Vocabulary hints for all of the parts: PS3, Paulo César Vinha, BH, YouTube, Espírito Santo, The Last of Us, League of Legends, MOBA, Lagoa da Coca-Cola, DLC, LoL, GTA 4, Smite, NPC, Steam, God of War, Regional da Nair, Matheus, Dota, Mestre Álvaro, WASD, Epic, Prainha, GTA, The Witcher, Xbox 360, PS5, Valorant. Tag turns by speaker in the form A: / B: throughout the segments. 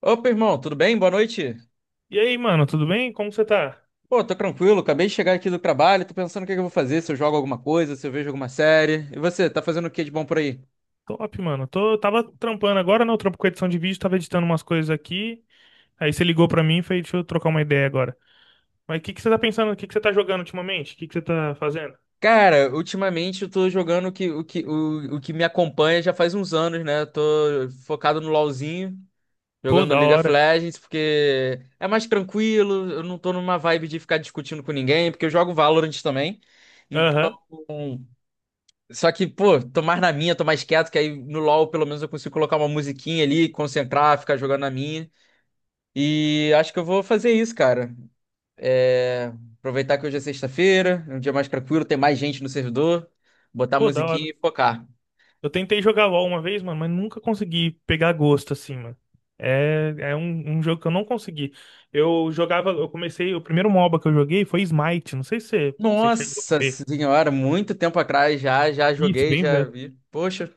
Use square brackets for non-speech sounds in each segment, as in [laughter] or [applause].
A: Opa, irmão, tudo bem? Boa noite.
B: E aí, mano, tudo bem? Como você tá?
A: Pô, tô tranquilo, acabei de chegar aqui do trabalho, tô pensando o que que eu vou fazer, se eu jogo alguma coisa, se eu vejo alguma série. E você, tá fazendo o que de bom por aí?
B: Top, mano. Tava trampando agora, né? Eu trampo com edição de vídeo, tava editando umas coisas aqui. Aí você ligou pra mim e falei, deixa eu trocar uma ideia agora. Mas o que que você tá pensando? O que que você tá jogando ultimamente? O que que você tá fazendo?
A: Cara, ultimamente eu tô jogando o que me acompanha já faz uns anos, né? Eu tô focado no LoLzinho,
B: Pô,
A: jogando
B: da
A: League of
B: hora.
A: Legends, porque é mais tranquilo, eu não tô numa vibe de ficar discutindo com ninguém, porque eu jogo Valorant também. Então,
B: Aham.
A: só que, pô, tô mais na minha, tô mais quieto, que aí no LoL pelo menos eu consigo colocar uma musiquinha ali, concentrar, ficar jogando na minha. E acho que eu vou fazer isso, cara. É, Aproveitar que hoje é sexta-feira, é um dia mais tranquilo, tem mais gente no servidor, botar a
B: Pô, da hora.
A: musiquinha e focar.
B: Eu tentei jogar LoL uma vez, mano, mas nunca consegui pegar gosto assim, mano. É um jogo que eu não consegui. Eu jogava, eu comecei, o primeiro MOBA que eu joguei foi Smite. Não sei se você chegou a
A: Nossa
B: ver.
A: senhora, muito tempo atrás já
B: Isso,
A: joguei,
B: bem
A: já
B: velho.
A: vi. Poxa.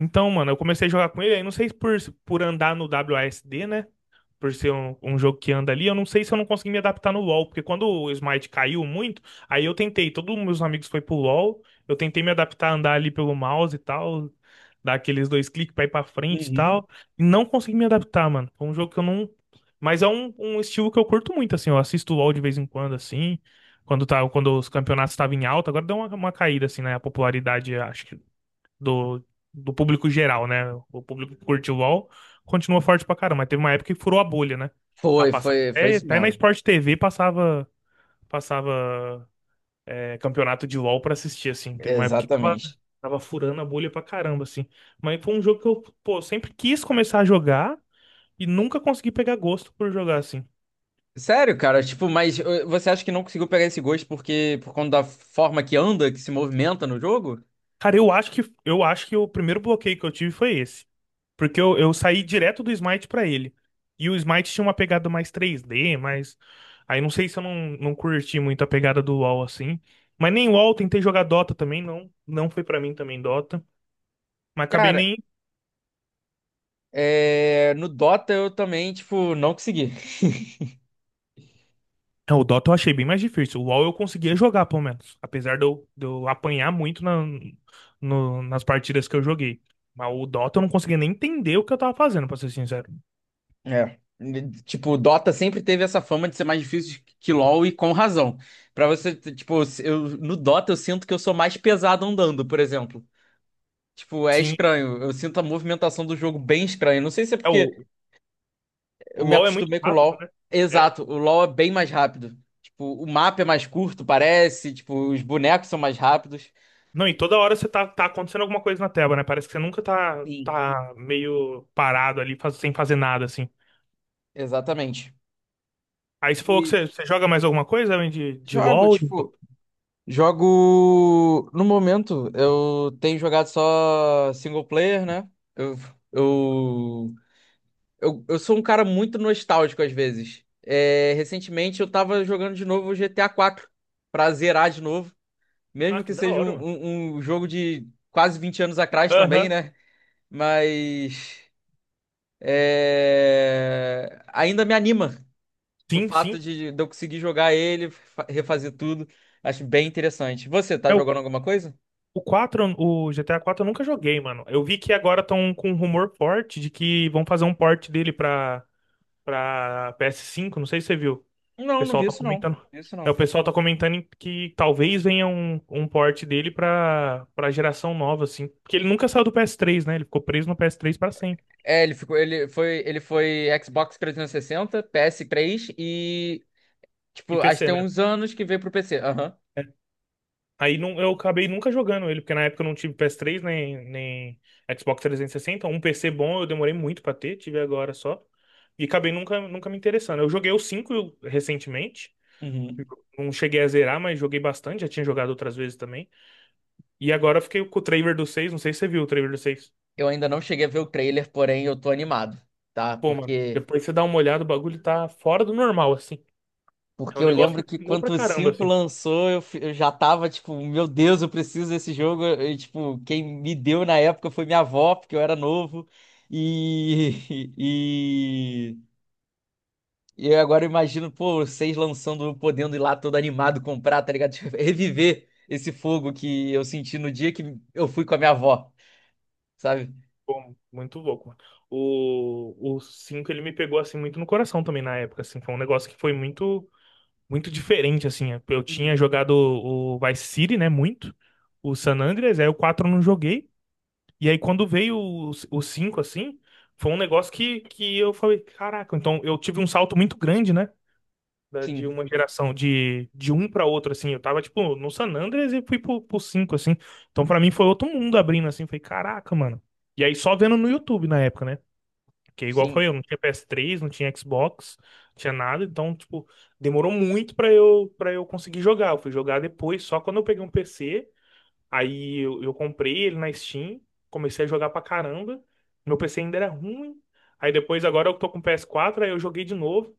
B: Então, mano, eu comecei a jogar com ele, aí não sei se por andar no WASD, né? Por ser um jogo que anda ali, eu não sei se eu não consegui me adaptar no LoL, porque quando o Smite caiu muito, aí eu tentei, todos os meus amigos foi pro LoL, eu tentei me adaptar a andar ali pelo mouse e tal, dar aqueles dois cliques pra ir pra frente e
A: Uhum.
B: tal, e não consegui me adaptar, mano. É um jogo que eu não. Mas é um estilo que eu curto muito, assim, eu assisto o LoL de vez em quando, assim, quando, tá, quando os campeonatos estavam em alta, agora deu uma caída, assim, né? A popularidade, acho que do, do público geral, né? O público que curte o LoL continua forte pra caramba, mas teve uma época que furou a bolha, né? Tá
A: Foi,
B: passando,
A: foi, foi
B: até,
A: isso
B: até na
A: mesmo.
B: Sport TV passava, passava campeonato de LoL pra assistir, assim. Teve uma época que tava,
A: Exatamente.
B: tava furando a bolha pra caramba, assim. Mas foi um jogo que eu, pô, sempre quis começar a jogar e nunca consegui pegar gosto por jogar, assim.
A: Sério, cara, tipo, mas você acha que não conseguiu pegar esse gosto porque por conta da forma que anda, que se movimenta no jogo?
B: Cara, eu acho que o primeiro bloqueio que eu tive foi esse. Porque eu saí direto do Smite pra ele. E o Smite tinha uma pegada mais 3D, mas. Aí não sei se eu não curti muito a pegada do LoL assim. Mas nem LoL, tentei jogar Dota também, não. Não foi pra mim também Dota. Mas acabei
A: Cara,
B: nem.
A: é, no Dota eu também, tipo, não consegui.
B: É, o Dota eu achei bem mais difícil. O LoL eu conseguia jogar, pelo menos. Apesar de eu apanhar muito na, nas partidas que eu joguei. Mas o Dota eu não conseguia nem entender o que eu tava fazendo, pra ser sincero.
A: É. Tipo, o Dota sempre teve essa fama de ser mais difícil que LoL e com razão. Pra você, tipo, eu, no Dota eu sinto que eu sou mais pesado andando, por exemplo. Tipo, é
B: Sim,
A: estranho. Eu sinto a movimentação do jogo bem estranha. Não sei se é
B: é,
A: porque
B: o,
A: eu
B: o
A: me
B: LoL é muito
A: acostumei com o
B: rápido,
A: LoL.
B: né? É.
A: Exato, o LoL é bem mais rápido. Tipo, o mapa é mais curto, parece. Tipo, os bonecos são mais rápidos.
B: Não, e toda hora você tá acontecendo alguma coisa na tela, né? Parece que você nunca tá,
A: Sim.
B: tá meio parado ali, sem fazer nada, assim.
A: Exatamente.
B: Aí você falou que
A: E
B: você joga mais alguma coisa além de
A: jogo,
B: LoL?
A: tipo, jogo. No momento, eu tenho jogado só single player, né? Eu, eu, eu sou um cara muito nostálgico às vezes. É, recentemente eu tava jogando de novo o GTA 4 pra zerar de novo.
B: Ah,
A: Mesmo
B: que
A: que
B: da
A: seja
B: hora,
A: um,
B: mano.
A: um, um jogo de quase 20 anos atrás também,
B: Aham.
A: né? Mas é, ainda me anima o
B: Sim,
A: fato
B: sim.
A: de eu conseguir jogar ele, refazer tudo. Acho bem interessante. Você tá
B: É, o,
A: jogando alguma coisa?
B: o quatro, o GTA 4 eu nunca joguei, mano. Eu vi que agora estão com um rumor forte de que vão fazer um port dele pra PS5. Não sei se você viu. O
A: Não, não
B: pessoal
A: vi
B: tá
A: isso não.
B: comentando.
A: Vi isso
B: É, o
A: não.
B: pessoal tá comentando que talvez venha um port dele pra geração nova, assim. Porque ele nunca saiu do PS3, né? Ele ficou preso no PS3 pra sempre.
A: É, ele ficou, ele foi Xbox 360, PS3 e
B: E
A: tipo, acho que
B: PC,
A: tem
B: né?
A: uns anos que veio pro PC. Aham.
B: É. Aí não, eu acabei nunca jogando ele, porque na época eu não tive PS3 nem Xbox 360. Um PC bom eu demorei muito pra ter, tive agora só. E acabei nunca me interessando. Eu joguei o 5 recentemente.
A: Uhum.
B: Não cheguei a zerar, mas joguei bastante. Já tinha jogado outras vezes também. E agora eu fiquei com o trailer do seis. Não sei se você viu o trailer do seis.
A: Eu ainda não cheguei a ver o trailer, porém eu tô animado, tá?
B: Pô, mano,
A: Porque
B: depois você dá uma olhada, o bagulho tá fora do normal, assim. É um
A: porque eu
B: negócio que
A: lembro
B: me
A: que
B: pegou
A: quando
B: pra
A: o
B: caramba,
A: 5
B: assim.
A: lançou, eu, eu já tava tipo, meu Deus, eu preciso desse jogo. E, tipo, quem me deu na época foi minha avó, porque eu era novo. E, [laughs] e eu agora imagino, pô, vocês lançando, eu podendo ir lá todo animado comprar, tá ligado? [laughs] Tipo, reviver esse fogo que eu senti no dia que eu fui com a minha avó, sabe?
B: Pô, muito louco, mano. O 5 ele me pegou, assim, muito no coração também na época, assim. Foi um negócio que foi muito diferente, assim. Eu tinha
A: Uhum.
B: jogado o Vice City, né, muito. O San Andreas, aí o 4 eu não joguei. E aí quando veio o 5 assim, foi um negócio que eu falei, caraca, então eu tive um salto muito grande, né? De
A: Sim,
B: uma geração de um pra outro, assim. Eu tava, tipo, no San Andreas e fui pro 5 assim. Então, pra mim, foi outro mundo abrindo, assim. Falei, caraca, mano. E aí, só vendo no YouTube na época, né? Porque igual
A: sim.
B: foi eu, não tinha PS3, não tinha Xbox, não tinha nada. Então, tipo, demorou muito pra eu conseguir jogar. Eu fui jogar depois, só quando eu peguei um PC. Aí eu comprei ele na Steam, comecei a jogar pra caramba. Meu PC ainda era ruim. Aí depois, agora eu tô com PS4, aí eu joguei de novo.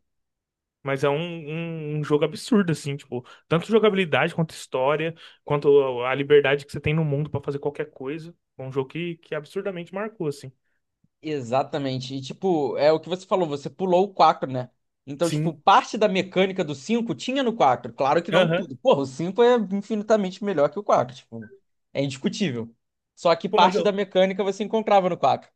B: Mas é um jogo absurdo, assim, tipo, tanto jogabilidade quanto história, quanto a liberdade que você tem no mundo pra fazer qualquer coisa. É um jogo que absurdamente marcou, assim.
A: Exatamente. E, tipo, é o que você falou, você pulou o 4, né? Então, tipo,
B: Sim.
A: parte da mecânica do 5 tinha no 4. Claro que não
B: Aham.
A: tudo. Porra, o 5 é infinitamente melhor que o 4. Tipo, é indiscutível. Só que
B: Pô, mas
A: parte da
B: eu,
A: mecânica você encontrava no 4.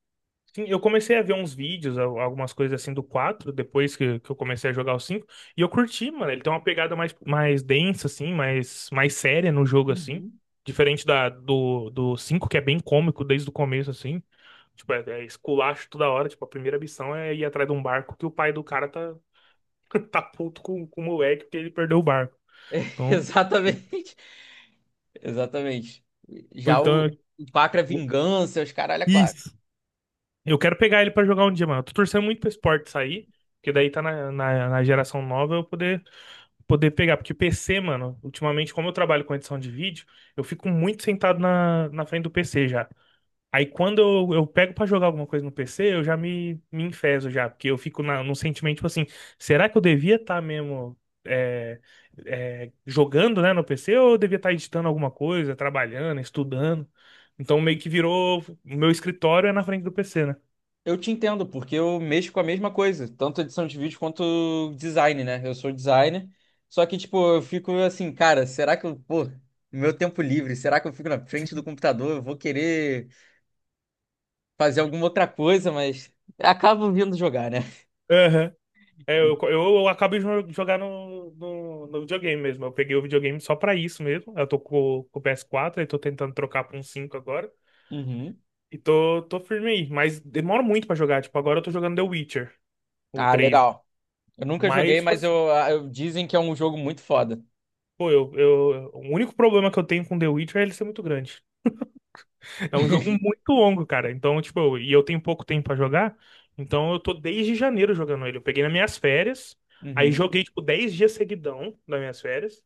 B: sim, eu comecei a ver uns vídeos, algumas coisas assim do 4 depois que eu comecei a jogar o 5 e eu curti, mano. Ele tem uma pegada mais densa, assim, mais séria no jogo, assim.
A: Uhum.
B: Diferente do 5 que é bem cômico desde o começo, assim. Tipo, é esculacho toda hora. Tipo, a primeira missão é ir atrás de um barco que o pai do cara tá, [laughs] tá puto com o moleque porque ele perdeu o barco.
A: [laughs]
B: Então,
A: Exatamente. Exatamente. Já o,
B: então,
A: o 4 é vingança, os caralho é 4.
B: isso. Eu quero pegar ele pra jogar um dia, mano. Eu tô torcendo muito pra esse port sair, porque daí tá na geração nova eu poder pegar. Porque o PC, mano, ultimamente, como eu trabalho com edição de vídeo, eu fico muito sentado na frente do PC já. Aí quando eu pego pra jogar alguma coisa no PC, eu já me enfezo já, porque eu fico num sentimento tipo assim, será que eu devia estar mesmo é, jogando, né, no PC ou eu devia estar editando alguma coisa, trabalhando, estudando? Então meio que virou, o meu escritório é na frente do PC, né?
A: Eu te entendo, porque eu mexo com a mesma coisa, tanto edição de vídeo quanto design, né? Eu sou designer, só que, tipo, eu fico assim, cara, será que eu, pô, no meu tempo livre, será que eu fico na frente do computador? Eu vou querer fazer alguma outra coisa, mas acabo vindo jogar, né?
B: Aham. É, eu, eu,
A: [laughs]
B: eu acabo de jogar no videogame mesmo. Eu peguei o videogame só pra isso mesmo. Eu tô com o PS4 e tô tentando trocar pra um 5 agora.
A: Uhum.
B: E tô firme aí, mas demora muito pra jogar. Tipo, agora eu tô jogando The Witcher, o
A: Ah,
B: 3,
A: legal. Eu nunca joguei,
B: mas, tipo
A: mas
B: assim,
A: dizem que é um jogo muito foda.
B: pô, o único problema que eu tenho com The Witcher é ele ser muito grande. É um jogo
A: [laughs]
B: muito longo, cara. Então, tipo, e eu tenho pouco tempo pra jogar, então eu tô desde janeiro jogando ele. Eu peguei nas minhas férias, aí
A: Uhum.
B: joguei, tipo, 10 dias seguidão nas minhas férias.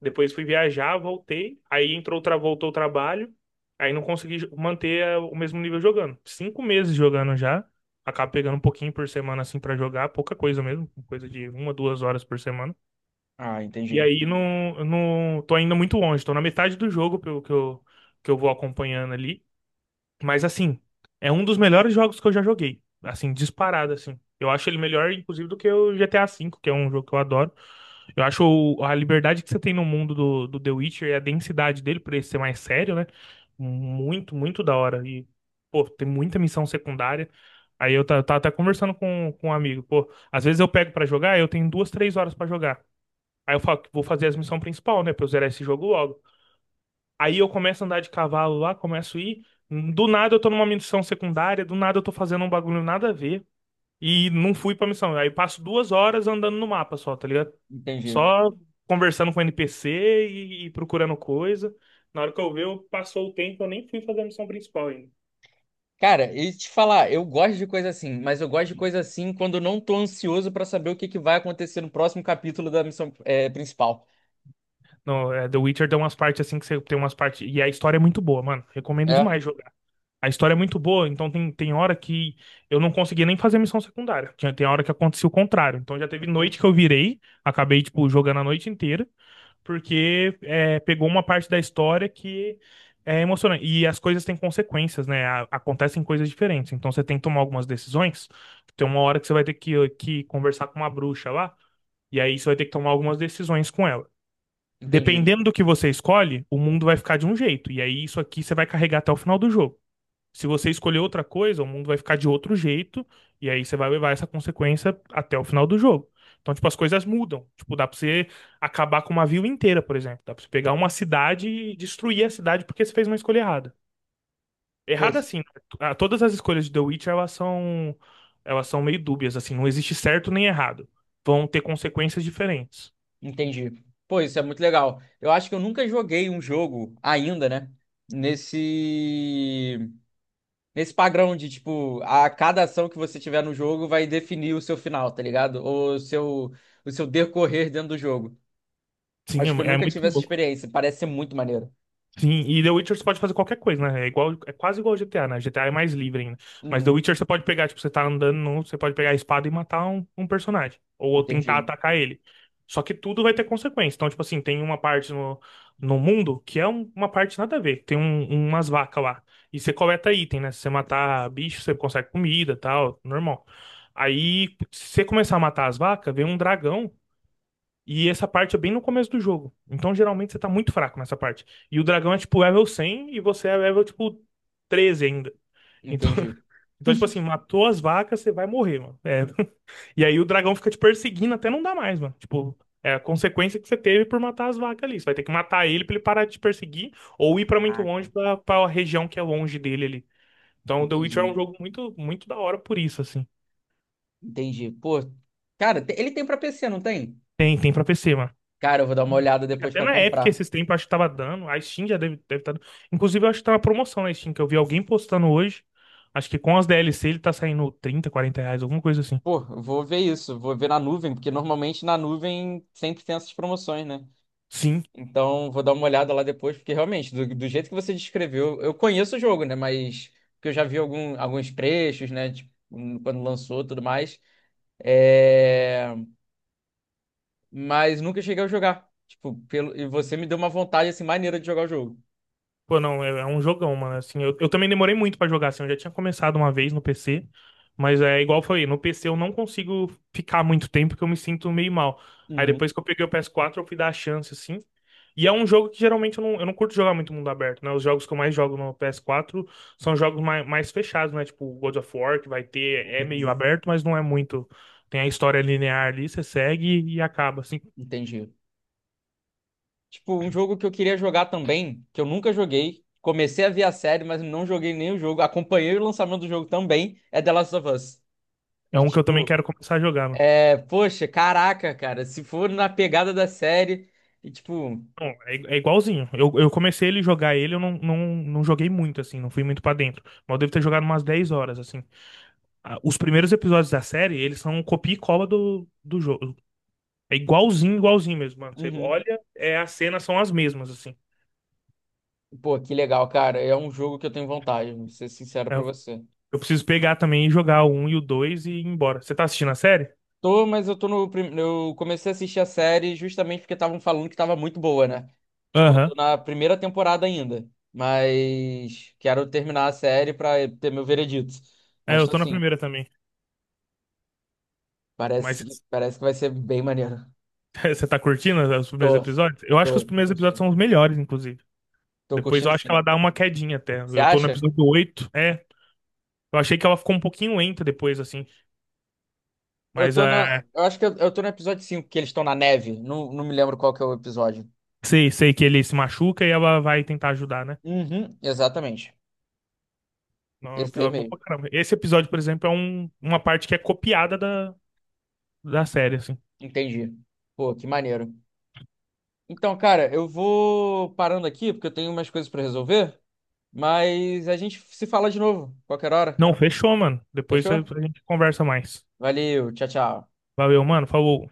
B: Depois fui viajar, voltei. Aí entrou, voltou o trabalho. Aí não consegui manter o mesmo nível jogando. 5 meses jogando já. Acabo pegando um pouquinho por semana assim pra jogar, pouca coisa mesmo, coisa de uma, duas horas por semana.
A: Ah,
B: E
A: entendi.
B: aí não, não tô ainda muito longe, tô na metade do jogo pelo que que eu vou acompanhando ali. Mas assim, é um dos melhores jogos que eu já joguei. Assim, disparado, assim. Eu acho ele melhor, inclusive, do que o GTA V, que é um jogo que eu adoro. Eu acho a liberdade que você tem no mundo do The Witcher e a densidade dele, por ele ser mais sério, né? Muito da hora. E, pô, tem muita missão secundária. Aí eu tava até conversando com um amigo. Pô, às vezes eu pego pra jogar, eu tenho duas, três horas pra jogar. Aí eu falo que vou fazer as missões principal, né? Pra eu zerar esse jogo logo. Aí eu começo a andar de cavalo lá, começo a ir. Do nada eu tô numa missão secundária, do nada eu tô fazendo um bagulho nada a ver. E não fui pra missão. Aí passo duas horas andando no mapa só, tá ligado?
A: Entendi.
B: Só conversando com NPC e procurando coisa. Na hora que eu ver, eu passou o tempo, eu nem fui fazer a missão principal ainda.
A: Cara, e te falar, eu gosto de coisa assim, mas eu gosto de coisa assim quando eu não tô ansioso pra saber o que que vai acontecer no próximo capítulo da missão principal.
B: Não, é, The Witcher tem umas partes assim que você tem umas partes. E a história é muito boa, mano. Recomendo
A: É?
B: demais jogar. A história é muito boa, então tem hora que eu não conseguia nem fazer missão secundária. Tinha, tem hora que acontecia o contrário. Então já teve
A: Uhum.
B: noite que eu virei, acabei, tipo, jogando a noite inteira, porque pegou uma parte da história que é emocionante. E as coisas têm consequências, né? Acontecem coisas diferentes. Então você tem que tomar algumas decisões. Tem uma hora que você vai ter que conversar com uma bruxa lá, e aí você vai ter que tomar algumas decisões com ela.
A: Entendi.
B: Dependendo do que você escolhe, o mundo vai ficar de um jeito. E aí isso aqui você vai carregar até o final do jogo. Se você escolher outra coisa, o mundo vai ficar de outro jeito, e aí você vai levar essa consequência até o final do jogo. Então, tipo, as coisas mudam. Tipo, dá pra você acabar com uma vila inteira, por exemplo. Dá pra você pegar uma cidade e destruir a cidade porque você fez uma escolha errada.
A: Pois,
B: Errada assim, né? Todas as escolhas de The Witcher, elas são meio dúbias, assim. Não existe certo nem errado. Vão ter consequências diferentes.
A: entendi. Pô, isso é muito legal. Eu acho que eu nunca joguei um jogo ainda, né? Nesse nesse padrão de tipo, a cada ação que você tiver no jogo vai definir o seu final, tá ligado? Ou o seu, o seu decorrer dentro do jogo.
B: Sim,
A: Acho que eu
B: é
A: nunca
B: muito
A: tive essa
B: louco.
A: experiência. Parece ser muito maneiro.
B: Sim, e The Witcher você pode fazer qualquer coisa, né? É igual, é quase igual ao GTA, né? GTA é mais livre ainda. Mas The
A: Uhum.
B: Witcher você pode pegar, tipo, você tá andando, você pode pegar a espada e matar um personagem. Ou tentar
A: Entendi.
B: atacar ele. Só que tudo vai ter consequência. Então, tipo assim, tem uma parte no mundo que é uma parte nada a ver. Tem umas vacas lá. E você coleta item, né? Se você matar bicho, você consegue comida, e tal, normal. Aí, se você começar a matar as vacas, vem um dragão e essa parte é bem no começo do jogo. Então, geralmente, você tá muito fraco nessa parte. E o dragão é tipo level 100 e você é level tipo 13 ainda. Então,
A: Entendi.
B: [laughs] então tipo assim, matou as vacas, você vai morrer, mano. É. [laughs] E aí o dragão fica te perseguindo até não dar mais, mano. Tipo, é a consequência que você teve por matar as vacas ali. Você vai ter que matar ele pra ele parar de te perseguir ou ir pra muito
A: Caraca,
B: longe, pra região que é longe dele ali. Então, o The Witcher é um
A: entendi.
B: jogo muito da hora por isso, assim.
A: Entendi. Pô, cara, ele tem pra PC, não tem?
B: Tem pra PC, mano.
A: Cara, eu vou dar uma olhada depois
B: Até
A: pra
B: na Epic
A: comprar.
B: esses tempos, acho que tava dando. A Steam já deve estar dando. Inclusive, eu acho que tá na promoção na Steam, que eu vi alguém postando hoje. Acho que com as DLC ele tá saindo R$ 30, 40, alguma coisa assim.
A: Pô, eu vou ver isso, vou ver na nuvem, porque normalmente na nuvem sempre tem essas promoções, né?
B: Sim.
A: Então, vou dar uma olhada lá depois, porque realmente, do jeito que você descreveu, eu conheço o jogo, né? Mas porque eu já vi algum, alguns trechos, né? Tipo, quando lançou e tudo mais. É... mas nunca cheguei a jogar. Tipo, pelo... e você me deu uma vontade assim maneira de jogar o jogo.
B: Pô, não, é, é um jogão, mano. Assim, eu também demorei muito pra jogar, assim, eu já tinha começado uma vez no PC, mas é igual eu falei, no PC eu não consigo ficar muito tempo porque eu me sinto meio mal. Aí
A: Uhum.
B: depois que eu peguei o PS4, eu fui dar a chance, assim. E é um jogo que geralmente eu não curto jogar muito mundo aberto, né? Os jogos que eu mais jogo no PS4 são jogos mais fechados, né? Tipo God of War, que vai ter, é meio aberto, mas não é muito. Tem a história linear ali, você segue e acaba, assim.
A: Entendi. Tipo, um jogo que eu queria jogar também, que eu nunca joguei. Comecei a ver a série, mas não joguei nem o jogo. Acompanhei o lançamento do jogo também, é The Last of Us.
B: É
A: E,
B: um que eu também
A: tipo,
B: quero começar a jogar, mano.
A: é, poxa, caraca, cara, se for na pegada da série, e tipo,
B: Não, é igualzinho. Eu comecei ele jogar ele, eu não, não, não joguei muito, assim, não fui muito pra dentro. Mas eu devo ter jogado umas 10 horas, assim. Os primeiros episódios da série, eles são copia e cola do jogo. É igualzinho, igualzinho mesmo, mano. Você
A: uhum.
B: olha, é, as cenas são as mesmas, assim.
A: Pô, que legal, cara. É um jogo que eu tenho vontade, vou ser sincero
B: É,
A: pra
B: Eu,
A: você.
B: eu preciso pegar também e jogar o um e o 2 e ir embora. Você tá assistindo a série?
A: Tô, mas eu tô no. Eu comecei a assistir a série justamente porque estavam falando que tava muito boa, né? Tipo, eu
B: Aham.
A: tô na primeira temporada ainda. Mas quero terminar a série pra ter meu veredito.
B: É,
A: Mas
B: eu
A: tô
B: tô na
A: assim,
B: primeira também. Mas
A: parece, parece que vai ser bem maneiro.
B: [laughs] você tá curtindo os primeiros
A: Tô,
B: episódios? Eu acho que os
A: tô
B: primeiros episódios
A: curtindo.
B: são os melhores, inclusive.
A: Tô
B: Depois
A: curtindo
B: eu acho que ela
A: sim.
B: dá uma quedinha até.
A: Você
B: Eu tô no
A: acha?
B: episódio 8. Eu achei que ela ficou um pouquinho lenta depois, assim.
A: Eu
B: Mas
A: tô na.
B: é,
A: Eu acho que eu tô no episódio 5 que eles estão na neve. Não, não me lembro qual que é o episódio.
B: sei que ele se machuca e ela vai tentar ajudar, né?
A: Uhum, exatamente.
B: Não, é um
A: Esse daí
B: episódio bom
A: mesmo.
B: pra caramba. Esse episódio, por exemplo, é uma parte que é copiada da série, assim.
A: Entendi. Pô, que maneiro. Então, cara, eu vou parando aqui porque eu tenho umas coisas pra resolver, mas a gente se fala de novo, qualquer hora.
B: Não, fechou, mano. Depois a
A: Fechou?
B: gente conversa mais.
A: Valeu, tchau, tchau.
B: Valeu, mano. Falou.